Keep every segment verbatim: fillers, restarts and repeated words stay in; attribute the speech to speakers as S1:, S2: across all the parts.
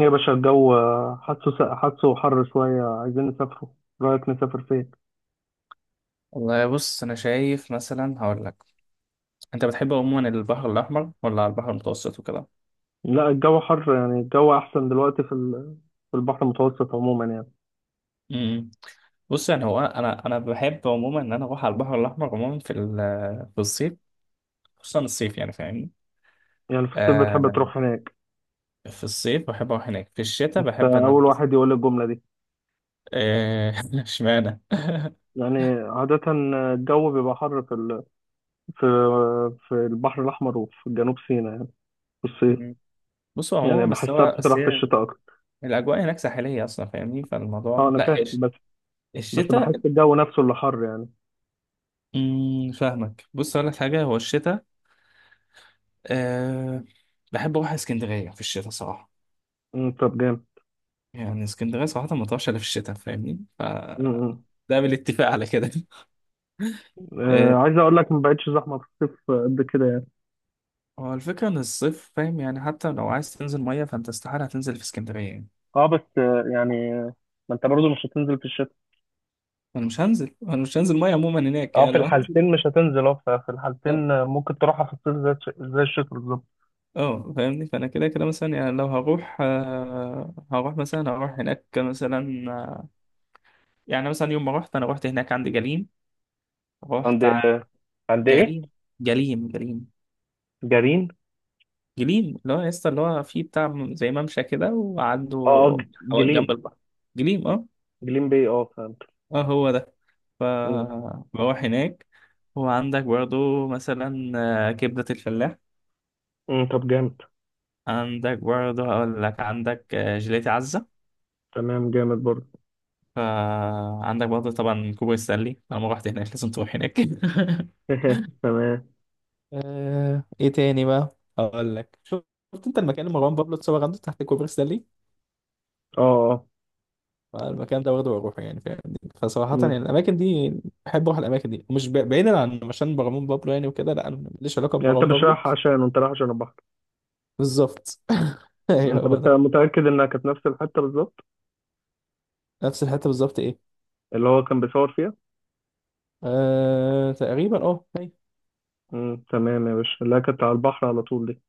S1: يا باشا، الجو آه، حاسه حاسه حر شوية. عايزين نسافره. رأيك نسافر فين؟
S2: والله بص انا شايف مثلا هقول لك انت بتحب عموما البحر الاحمر ولا على البحر المتوسط وكده.
S1: لا، الجو حر. يعني الجو أحسن دلوقتي في ال- في البحر المتوسط عموما يعني.
S2: امم بص يعني هو انا انا بحب عموما ان انا اروح على البحر الاحمر عموما في ال- في الصيف، خصوصا الصيف يعني فاهمني.
S1: يعني في الصيف بتحب
S2: آه
S1: تروح هناك؟
S2: في الصيف بحب اروح هناك، في الشتاء
S1: أنت
S2: بحب ان
S1: أول
S2: انا
S1: واحد يقول لي الجملة دي.
S2: آه، اشمعنى
S1: يعني عادة الجو بيبقى حر في ال... في في البحر الأحمر، وفي جنوب سيناء، يعني في الصيف.
S2: مم. بص هو عموما
S1: يعني
S2: بس
S1: بحسها
S2: هو بس
S1: بتطرح في
S2: هي
S1: الشتاء أكتر.
S2: الاجواء هناك ساحليه اصلا فاهمني،
S1: أه،
S2: فالموضوع
S1: أنا
S2: لا هي
S1: فاهم،
S2: الش-
S1: بس بس
S2: الشتاء.
S1: بحس الجو نفسه اللي حر يعني.
S2: مم، فاهمك. بص اقول لك حاجه، هو الشتاء، أه بحب أروح اسكندرية في الشتاء صراحة.
S1: أمم، طب، جامد.
S2: يعني اسكندرية صراحة ما تروحش إلا في الشتاء فاهمني،
S1: أمم،
S2: فده
S1: أمم.
S2: بالاتفاق على كده
S1: آه،
S2: أه
S1: عايز أقول لك، ما بقتش زحمة في الصيف قد كده.
S2: هو الفكرة إن الصيف فاهم، يعني حتى لو عايز تنزل مية فأنت استحالة هتنزل في اسكندرية يعني.
S1: اه، بس آه، يعني آه، ما انت برضو مش هتنزل في الشتاء.
S2: أنا مش هنزل أنا مش هنزل مية عموما هناك
S1: اه،
S2: يعني،
S1: في
S2: لو هنزل.
S1: الحالتين مش هتنزل. اه، في
S2: أه
S1: الحالتين آه، ممكن تروحها في الصيف زي الش- زي الشتاء بالظبط.
S2: آه، فاهمني، فأنا كده كده مثلا يعني لو هروح أه هروح مثلا هروح هناك مثلا، آه، يعني مثلا يوم ما رحت، أنا رحت هناك عند جليم.
S1: عند
S2: رحت ع-
S1: آه، عند ايه؟
S2: جليم. جليم جليم
S1: جرين.
S2: جليم اللي هو يا اسطى اللي هو فيه بتاع زي ممشى كده، وعنده
S1: اه، ج-
S2: حوالي جنب
S1: جليم.
S2: البحر، جليم، اه.
S1: جليم بي، اه، فهمت.
S2: اه هو ده،
S1: مم.
S2: فبروح هناك. وعندك برضو مثلا آه، كبدة الفلاح،
S1: مم. طب، جامد.
S2: عندك برضو هقول لك عندك آه، جيلاتي عزة،
S1: تمام، جامد برضه.
S2: فعندك برضو طبعا كوبري ستانلي، طالما رحت هناك لازم تروح هناك
S1: تمام.
S2: آه، ايه تاني بقى اقول لك، شفت انت المكان اللي مروان بابلو اتصور عنده تحت كوبري ستانلي؟
S1: اه، اه.
S2: فالمكان ده واخده بروحه يعني فاهمني، فصراحة يعني
S1: مم.
S2: الأماكن دي بحب أروح الأماكن دي، مش ب- بعيدا عن عشان مروان بابلو يعني وكده، لا أنا ماليش علاقة
S1: يعني انت
S2: بمروان
S1: مش
S2: بابلو.
S1: رايح عشان، انت رايح عشان البحر.
S2: بالظبط
S1: مم.
S2: أيوه
S1: طب
S2: هو
S1: انت
S2: ده،
S1: متأكد انها كانت نفس الحتة بالظبط،
S2: نفس الحتة بالظبط، إيه؟
S1: اللي هو كان بيصور فيها؟
S2: آه... تقريبا أه أيوه.
S1: مم. تمام يا باشا. لا، كانت على البحر على طول دي.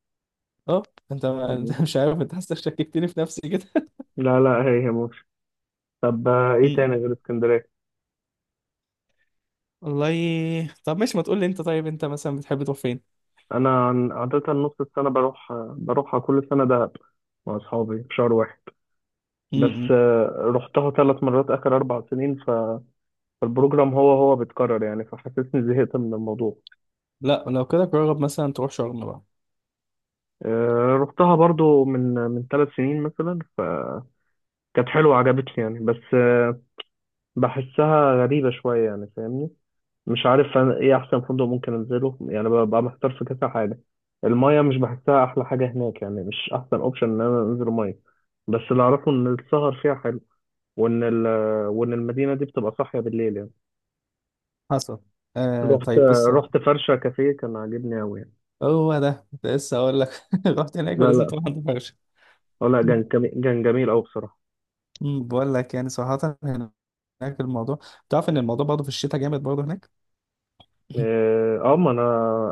S2: أه أنت
S1: مم.
S2: أنت مش عارف، أنت حاسس شككتني في نفسي كده
S1: لا، لا، هي هي. طب آه، ايه تاني
S2: م-م.
S1: غير اسكندريه؟
S2: والله طب ماشي، ما تقول لي أنت، طيب أنت مثلا بتحب تروح فين؟
S1: انا عن- عاده نص السنه بروح آه، بروحها كل سنه دهب مع اصحابي في شهر واحد. بس
S2: م-م.
S1: آه، رحتها ثلاث مرات اخر اربع سنين، ف- فالبروجرام هو هو بيتكرر يعني، فحسسني زهقت من الموضوع.
S2: لا لو كده جرب مثلا تروح شرم بقى.
S1: آه، رحتها برضو من من ثلاث سنين مثلا، فكانت حلوه عجبتني يعني. بس آه، بحسها غريبه شويه يعني فاهمني. مش عارف انا ايه احسن فندق ممكن انزله، يعني ببقى محتار في كذا حاجه. المايه مش بحسها احلى حاجه هناك، يعني مش احسن اوبشن ان انا انزل مايه. بس اللي اعرفه ان السهر فيها حلو، وان ال- وان المدينه دي بتبقى صاحيه بالليل يعني.
S2: حصل. آه
S1: رحت
S2: طيب بص،
S1: رحت فرشه كافيه، كان عاجبني قوي يعني.
S2: هو ده كنت لسه هقول لك رحت هناك
S1: لا،
S2: ولازم
S1: لا،
S2: تروح عند فرشة.
S1: اه، لا،
S2: أمم،
S1: كان جميل- كان جميل قوي بصراحه.
S2: بقول لك يعني صراحة هناك الموضوع، تعرف ان الموضوع برضه في الشتاء جامد برضه هناك م-م.
S1: اه، آه، ما انا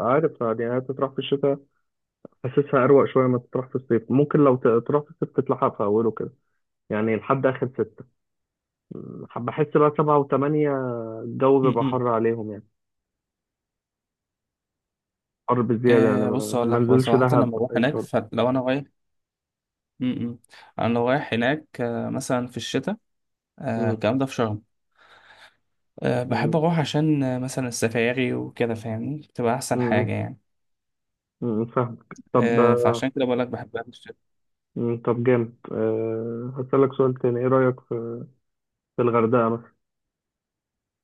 S1: عارف يعني هي تطرح في الشتاء. حاسسها اروق شويه ما تطرح في الصيف. ممكن لو ت- تروح في الصيف تتلحق في اوله كده، يعني لحد اخر ستة. م، بحس بقى سبعة وثمانية الجو بيبقى
S2: مم.
S1: حر عليهم يعني. حر بزيادة يعني،
S2: آه بص
S1: ما
S2: اقول
S1: ما
S2: لك، هو
S1: نزلش
S2: صراحه لما
S1: دهب
S2: بروح
S1: أي
S2: هناك،
S1: شرب.
S2: فلو انا رايح، م-م، انا لو رايح هناك آه مثلا في الشتاء، آه
S1: مم.
S2: الكلام ده في شرم، آه بحب
S1: مم.
S2: اروح عشان آه مثلا السفاري وكده فاهمني، بتبقى احسن
S1: مم.
S2: حاجه يعني.
S1: مم. فاهمك. طب
S2: آه
S1: آه،
S2: فعشان كده بقول لك بحبها في الشتاء.
S1: مم. طب، جامد. أه، هسألك سؤال تاني: إيه رأيك في في الغردقة مثلا؟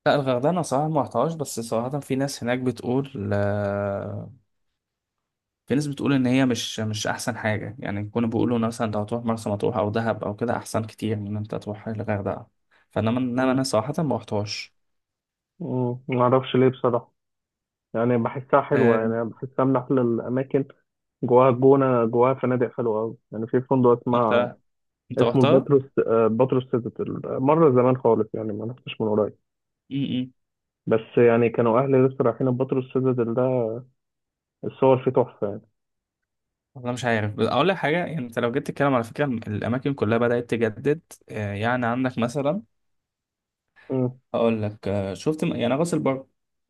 S2: لا الغردقه انا صراحه ما رحتهاش، بس صراحه في ناس هناك بتقول آه، في ناس بتقول ان هي مش مش احسن حاجه يعني، كنا بيقولوا مثلا لو هتروح مرسى مطروح او دهب او كده احسن كتير من ان انت تروح الغردقه، فانما انما
S1: مم.
S2: انا صراحه ما رحتهاش.
S1: مم. معرفش ليه بصراحة، يعني بحسها حلوة،
S2: آه،
S1: يعني بحسها من أحلى الأماكن. جواها الجونة، جواها فنادق حلوة أوي. يعني في فندق اسمه
S2: انت، انت
S1: اسمه
S2: رحتها؟
S1: الباتروس، آه، باتروس سيتادل، مرة زمان خالص يعني، ما رحتش من قريب.
S2: امم.
S1: بس يعني كانوا أهلي لسه رايحين الباتروس سيتادل ده. الصور فيه تحفة.
S2: والله مش عارف، بس اقول لك حاجه، يعني انت لو جيت تتكلم على فكره الاماكن كلها بدات تجدد. آه، يعني عندك مثلا،
S1: مم.
S2: هقول لك آه، شفت م- يعني راس البر،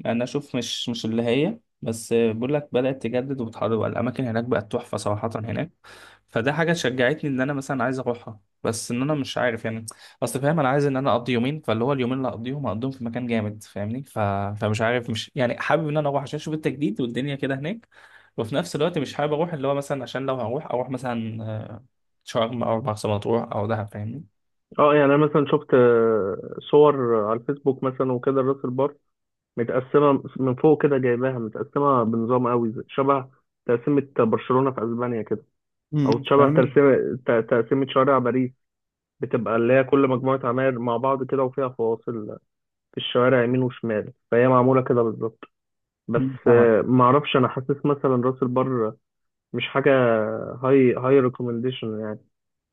S2: انا اشوف مش مش اللي هي، بس آه، بقول لك بدات تجدد وبتحضر الاماكن هناك بقت تحفه صراحه هناك، فده حاجة شجعتني ان انا مثلا عايز اروحها، بس ان انا مش عارف يعني. اصل فاهم انا عايز ان انا اقضي يومين، فاللي هو اليومين اللي اقضيهم اقضيهم في مكان جامد فاهمني ف... فمش عارف، مش يعني حابب ان انا اروح عشان اشوف التجديد والدنيا كده هناك، وفي نفس الوقت مش حابب اروح اللي هو مثلا، عشان لو هروح اروح مثلا آه، شرم او مرسى مطروح او دهب فاهمني.
S1: اه، يعني انا مثلا شفت آه، صور على الفيسبوك مثلا وكده، راس البر متقسمه من فوق كده، جايباها متقسمه بنظام قوي زي- شبه تقسيمه برشلونه في اسبانيا كده، او
S2: امم،
S1: شبه
S2: فاهمني.
S1: تقسيمه ت- تقسيمه شوارع باريس. بتبقى اللي هي كل مجموعه عماير مع بعض كده وفيها فواصل في الشوارع يمين وشمال، فهي معموله كده بالظبط. بس
S2: مم، فاهمك.
S1: آه، معرفش انا. حاسس مثلا راس البر مش حاجه هاي هاي ريكومنديشن يعني،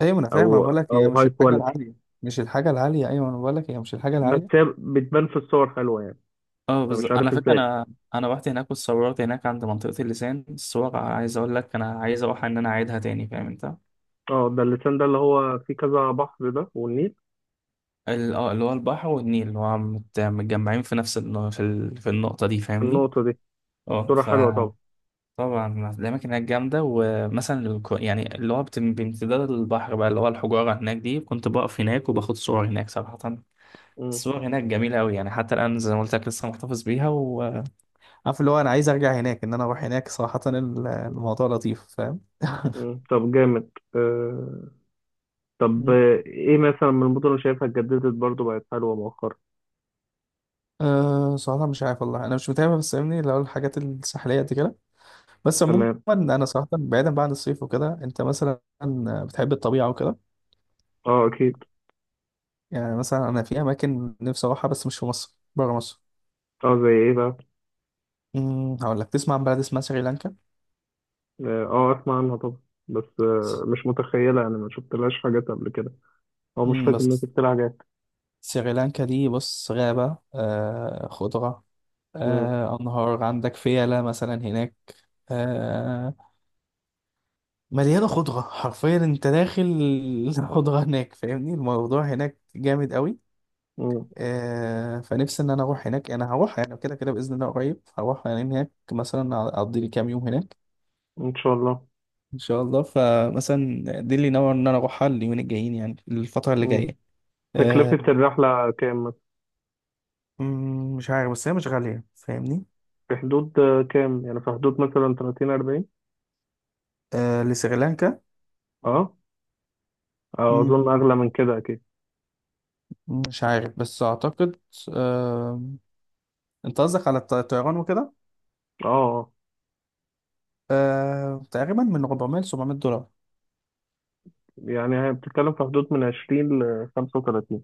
S2: ايوه انا فاهم، انا
S1: او
S2: بقول لك هي
S1: او
S2: مش
S1: هاي
S2: الحاجه
S1: كواليتي.
S2: العاليه، مش الحاجه العاليه، ايوه انا بقول لك هي مش الحاجه
S1: بس
S2: العاليه.
S1: هي بتبان في الصور حلوه يعني،
S2: اه
S1: فمش
S2: بالظبط. انا
S1: عارف
S2: فاكر
S1: ازاي.
S2: انا انا رحت هناك واتصورت هناك عند منطقة اللسان، الصور عايز اقول لك انا عايز اروح ان انا اعيدها تاني فاهم انت؟
S1: اه، ده اللسان ده، اللي هو فيه كذا بحر ده والنيل.
S2: ال- اه اللي هو البحر والنيل اللي هو مت- متجمعين في نفس الن- في ال- في النقطة دي فاهمني.
S1: النقطة دي
S2: اه
S1: صورة حلوة
S2: فطبعا
S1: طبعا.
S2: الأماكن هناك جامدة، ومثلا الك- يعني اللي هو بت- بامتداد البحر بقى، اللي هو الحجارة هناك دي كنت بقف هناك وباخد صور هناك صراحة.
S1: مم.
S2: الصور هناك جميلة أوي يعني، حتى الآن زي ما قلت لك لسه محتفظ بيها وعارف اللي هو أنا عايز أرجع هناك، إن أنا أروح هناك صراحة. ال- الموضوع لطيف فاهم؟
S1: مم. طب، جامد. آه. طب
S2: مم.
S1: آه، ايه مثلا من المدن اللي شايفها اتجددت برضو بقت حلوة مؤخرا؟
S2: أه صراحة مش عارف والله، أنا مش متابع بس فاهمني، اللي هو الحاجات الساحلية دي كده. بس عموما
S1: تمام.
S2: أنا صراحة بعيدا بقى عن الصيف وكده، أنت مثلا بتحب الطبيعة وكده؟
S1: اه، اكيد.
S2: يعني مثلا أنا في أماكن نفسي أروحها بس مش في مصر، بره مصر.
S1: اه، زي ايه بقى؟
S2: أمم، هقول لك، تسمع عن بلد اسمها سريلانكا؟
S1: اه، آه، اسمع عنها طبعا. بس آه مش متخيلة يعني، ما شفتلهاش حاجات قبل كده، او مش
S2: أمم،
S1: فاكر اني
S2: بس
S1: شفت لها حاجات.
S2: سريلانكا دي بص، غابة، آه خضرة،
S1: مم.
S2: آه أنهار، عندك فيلة مثلا هناك، آه، مليانة خضرة حرفيا، انت داخل الخضرة هناك فاهمني، الموضوع هناك جامد قوي.
S1: مم.
S2: آه فنفسي ان انا اروح هناك، انا هروح يعني كده كده باذن الله، قريب هروح يعني هناك، مثلا اقضي لي كام يوم هناك
S1: ان شاء الله.
S2: ان شاء الله. فمثلا دي اللي ناوي ان انا اروحها اليومين الجايين، يعني الفترة اللي
S1: مم.
S2: جاية. آه.
S1: تكلفة الرحلة كام مثلا؟
S2: مم، مش عارف بس هي مش غالية فاهمني.
S1: في حدود آه، كام؟ يعني في حدود مثلا تلاتين أربعين؟
S2: آه لسريلانكا.
S1: اه، أه، أظن
S2: مم،
S1: أغلى من كده أكيد.
S2: مش عارف بس اعتقد، آه، انت قصدك على الط- الطيران وكده؟
S1: أه، أه.
S2: آه تقريبا من اربعمية ل سبعمية دولار.
S1: يعني هي بتتكلم في حدود من عشرين ل خمسة وتلاتين.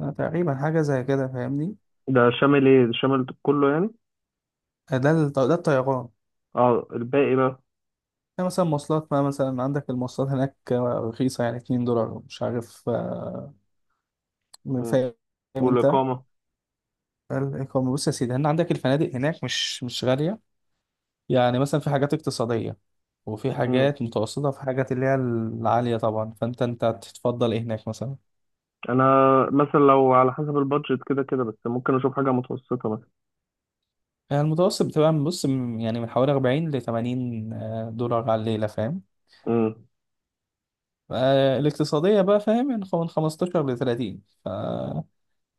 S2: آه، تقريبا حاجة زي كده فاهمني.
S1: ده شامل إيه؟ ده شامل كله يعني؟
S2: آه، ده الط- ده الطيران.
S1: أه، الباقي بقى.
S2: يعني مثلا مواصلات بقى، مثلا عندك المواصلات هناك آه، رخيصة يعني اتنين دولار ومش عارف، آه، من
S1: مم.
S2: فاهم انت.
S1: والإقامة؟
S2: الإقامة بص يا سيدي، هنا عندك الفنادق هناك مش مش غالية، يعني مثلا في حاجات اقتصادية وفي
S1: مم.
S2: حاجات متوسطة وفي حاجات اللي هي العالية طبعا، فانت انت تتفضل ايه هناك مثلا.
S1: أنا مثلا لو على حسب البادجت كده كده، بس ممكن أشوف حاجة متوسطة مثلا.
S2: يعني المتوسط بتبقى من- بص من- يعني من حوالي اربعين ل تمانين آه، دولار على الليلة فاهم.
S1: مم.
S2: آه، الاقتصادية بقى فاهم يعني، خ- من خمستاشر ل ثلاثين.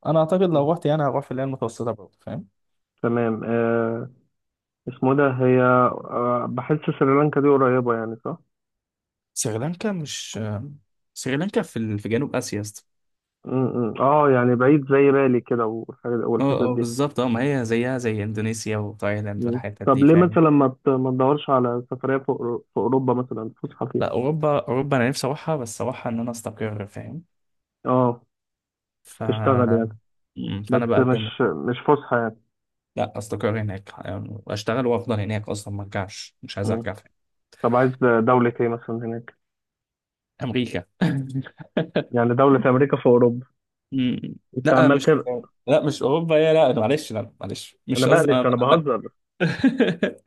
S2: انا اعتقد
S1: مم.
S2: لو رحت يعني هروح في اللي هي المتوسطه برضه فاهم.
S1: تمام. أه اسمه ده. هي أه بحس سريلانكا دي قريبة يعني، صح؟
S2: سريلانكا مش، سريلانكا في ال- في جنوب آسيا يا اسطى.
S1: مم. مم. أه، يعني بعيد زي بالي كده والحاجات- والحتت
S2: اه اه
S1: دي.
S2: بالظبط، اه ما هي زيها زي اندونيسيا وتايلاند
S1: مم.
S2: والحتت
S1: طب
S2: دي
S1: ليه
S2: فاهم.
S1: مثلا ما بت- ما تدورش على سفرية في أورو- في أوروبا مثلا، فسحة فيها؟
S2: لا اوروبا اوروبا انا نفسي اروحها، بس اروحها ان انا استقر فاهم.
S1: اه،
S2: ف
S1: تشتغل يعني،
S2: مم،
S1: بس
S2: فانا بقدم.
S1: مش مش فسحة يعني.
S2: لا استقر هناك يعني واشتغل وافضل هناك اصلا ما ارجعش، مش عايز
S1: مم.
S2: ارجع فاهم.
S1: طب، عايز دولة ايه مثلا هناك؟
S2: امريكا
S1: يعني دولة في أمريكا، في أوروبا؟
S2: مم.
S1: أنت
S2: لا
S1: عمال
S2: مش
S1: تبعد.
S2: لا مش اوروبا يا، لا معلش لا معلش
S1: أنا
S2: مش قصدي
S1: بقلش
S2: انا،
S1: أنا
S2: لا
S1: بهزر.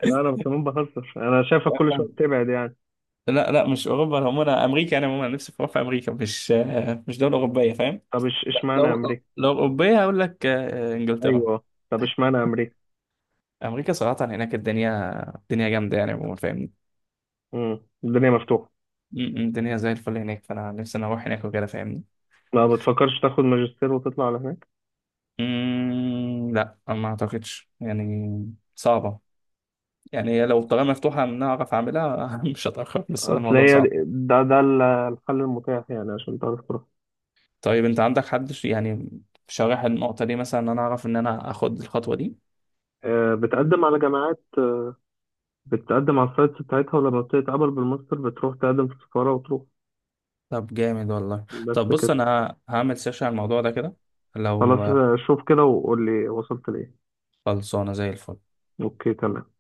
S1: لا، أنا كمان بهزر، أنا شايفك كل شوية بتبعد يعني.
S2: لا لا مش اوروبا هم، انا عموما امريكا، انا عموما نفسي في في امريكا، مش آه، مش دوله اوروبيه فاهم.
S1: طب، إش
S2: لا،
S1: إشمعنى
S2: لو
S1: أمريكا؟
S2: لو اوروبيه هقول لك آه، انجلترا.
S1: أيوه. طب إشمعنى أمريكا؟
S2: امريكا صراحه هناك الدنيا، الدنيا جامده يعني عموما فاهمني.
S1: مم. الدنيا مفتوحة.
S2: م- م، الدنيا زي الفل هناك، فانا نفسي انا اروح هناك وكده فاهمني.
S1: ما بتفكرش تاخد ماجستير وتطلع على هناك؟
S2: م، لا أنا ما اعتقدش يعني صعبه. يعني هي لو الطريقه مفتوحه ان أنا اعرف اعملها مش هتاخر، بس هو
S1: أصل
S2: الموضوع
S1: هي دي-
S2: صعب.
S1: ده ده ال- الحل المتاح، يعني عشان تعرف.
S2: طيب انت عندك حد ش- يعني شارح النقطه دي مثلا، ان انا اعرف ان انا اخد الخطوه دي؟
S1: آه، بتقدم على جامعات، آه، بتقدم على السايتس بتاعتها، ولما بتتقبل بالماستر بتروح تقدم في السفارة وتروح.
S2: طب جامد والله. طب
S1: بس
S2: بص
S1: كده.
S2: انا ه- هعمل سيرش على الموضوع ده كده،
S1: خلاص
S2: لو.
S1: آه، شوف كده وقول لي وصلت لإيه.
S2: خلصانه زي الفل.
S1: أوكي، تمام.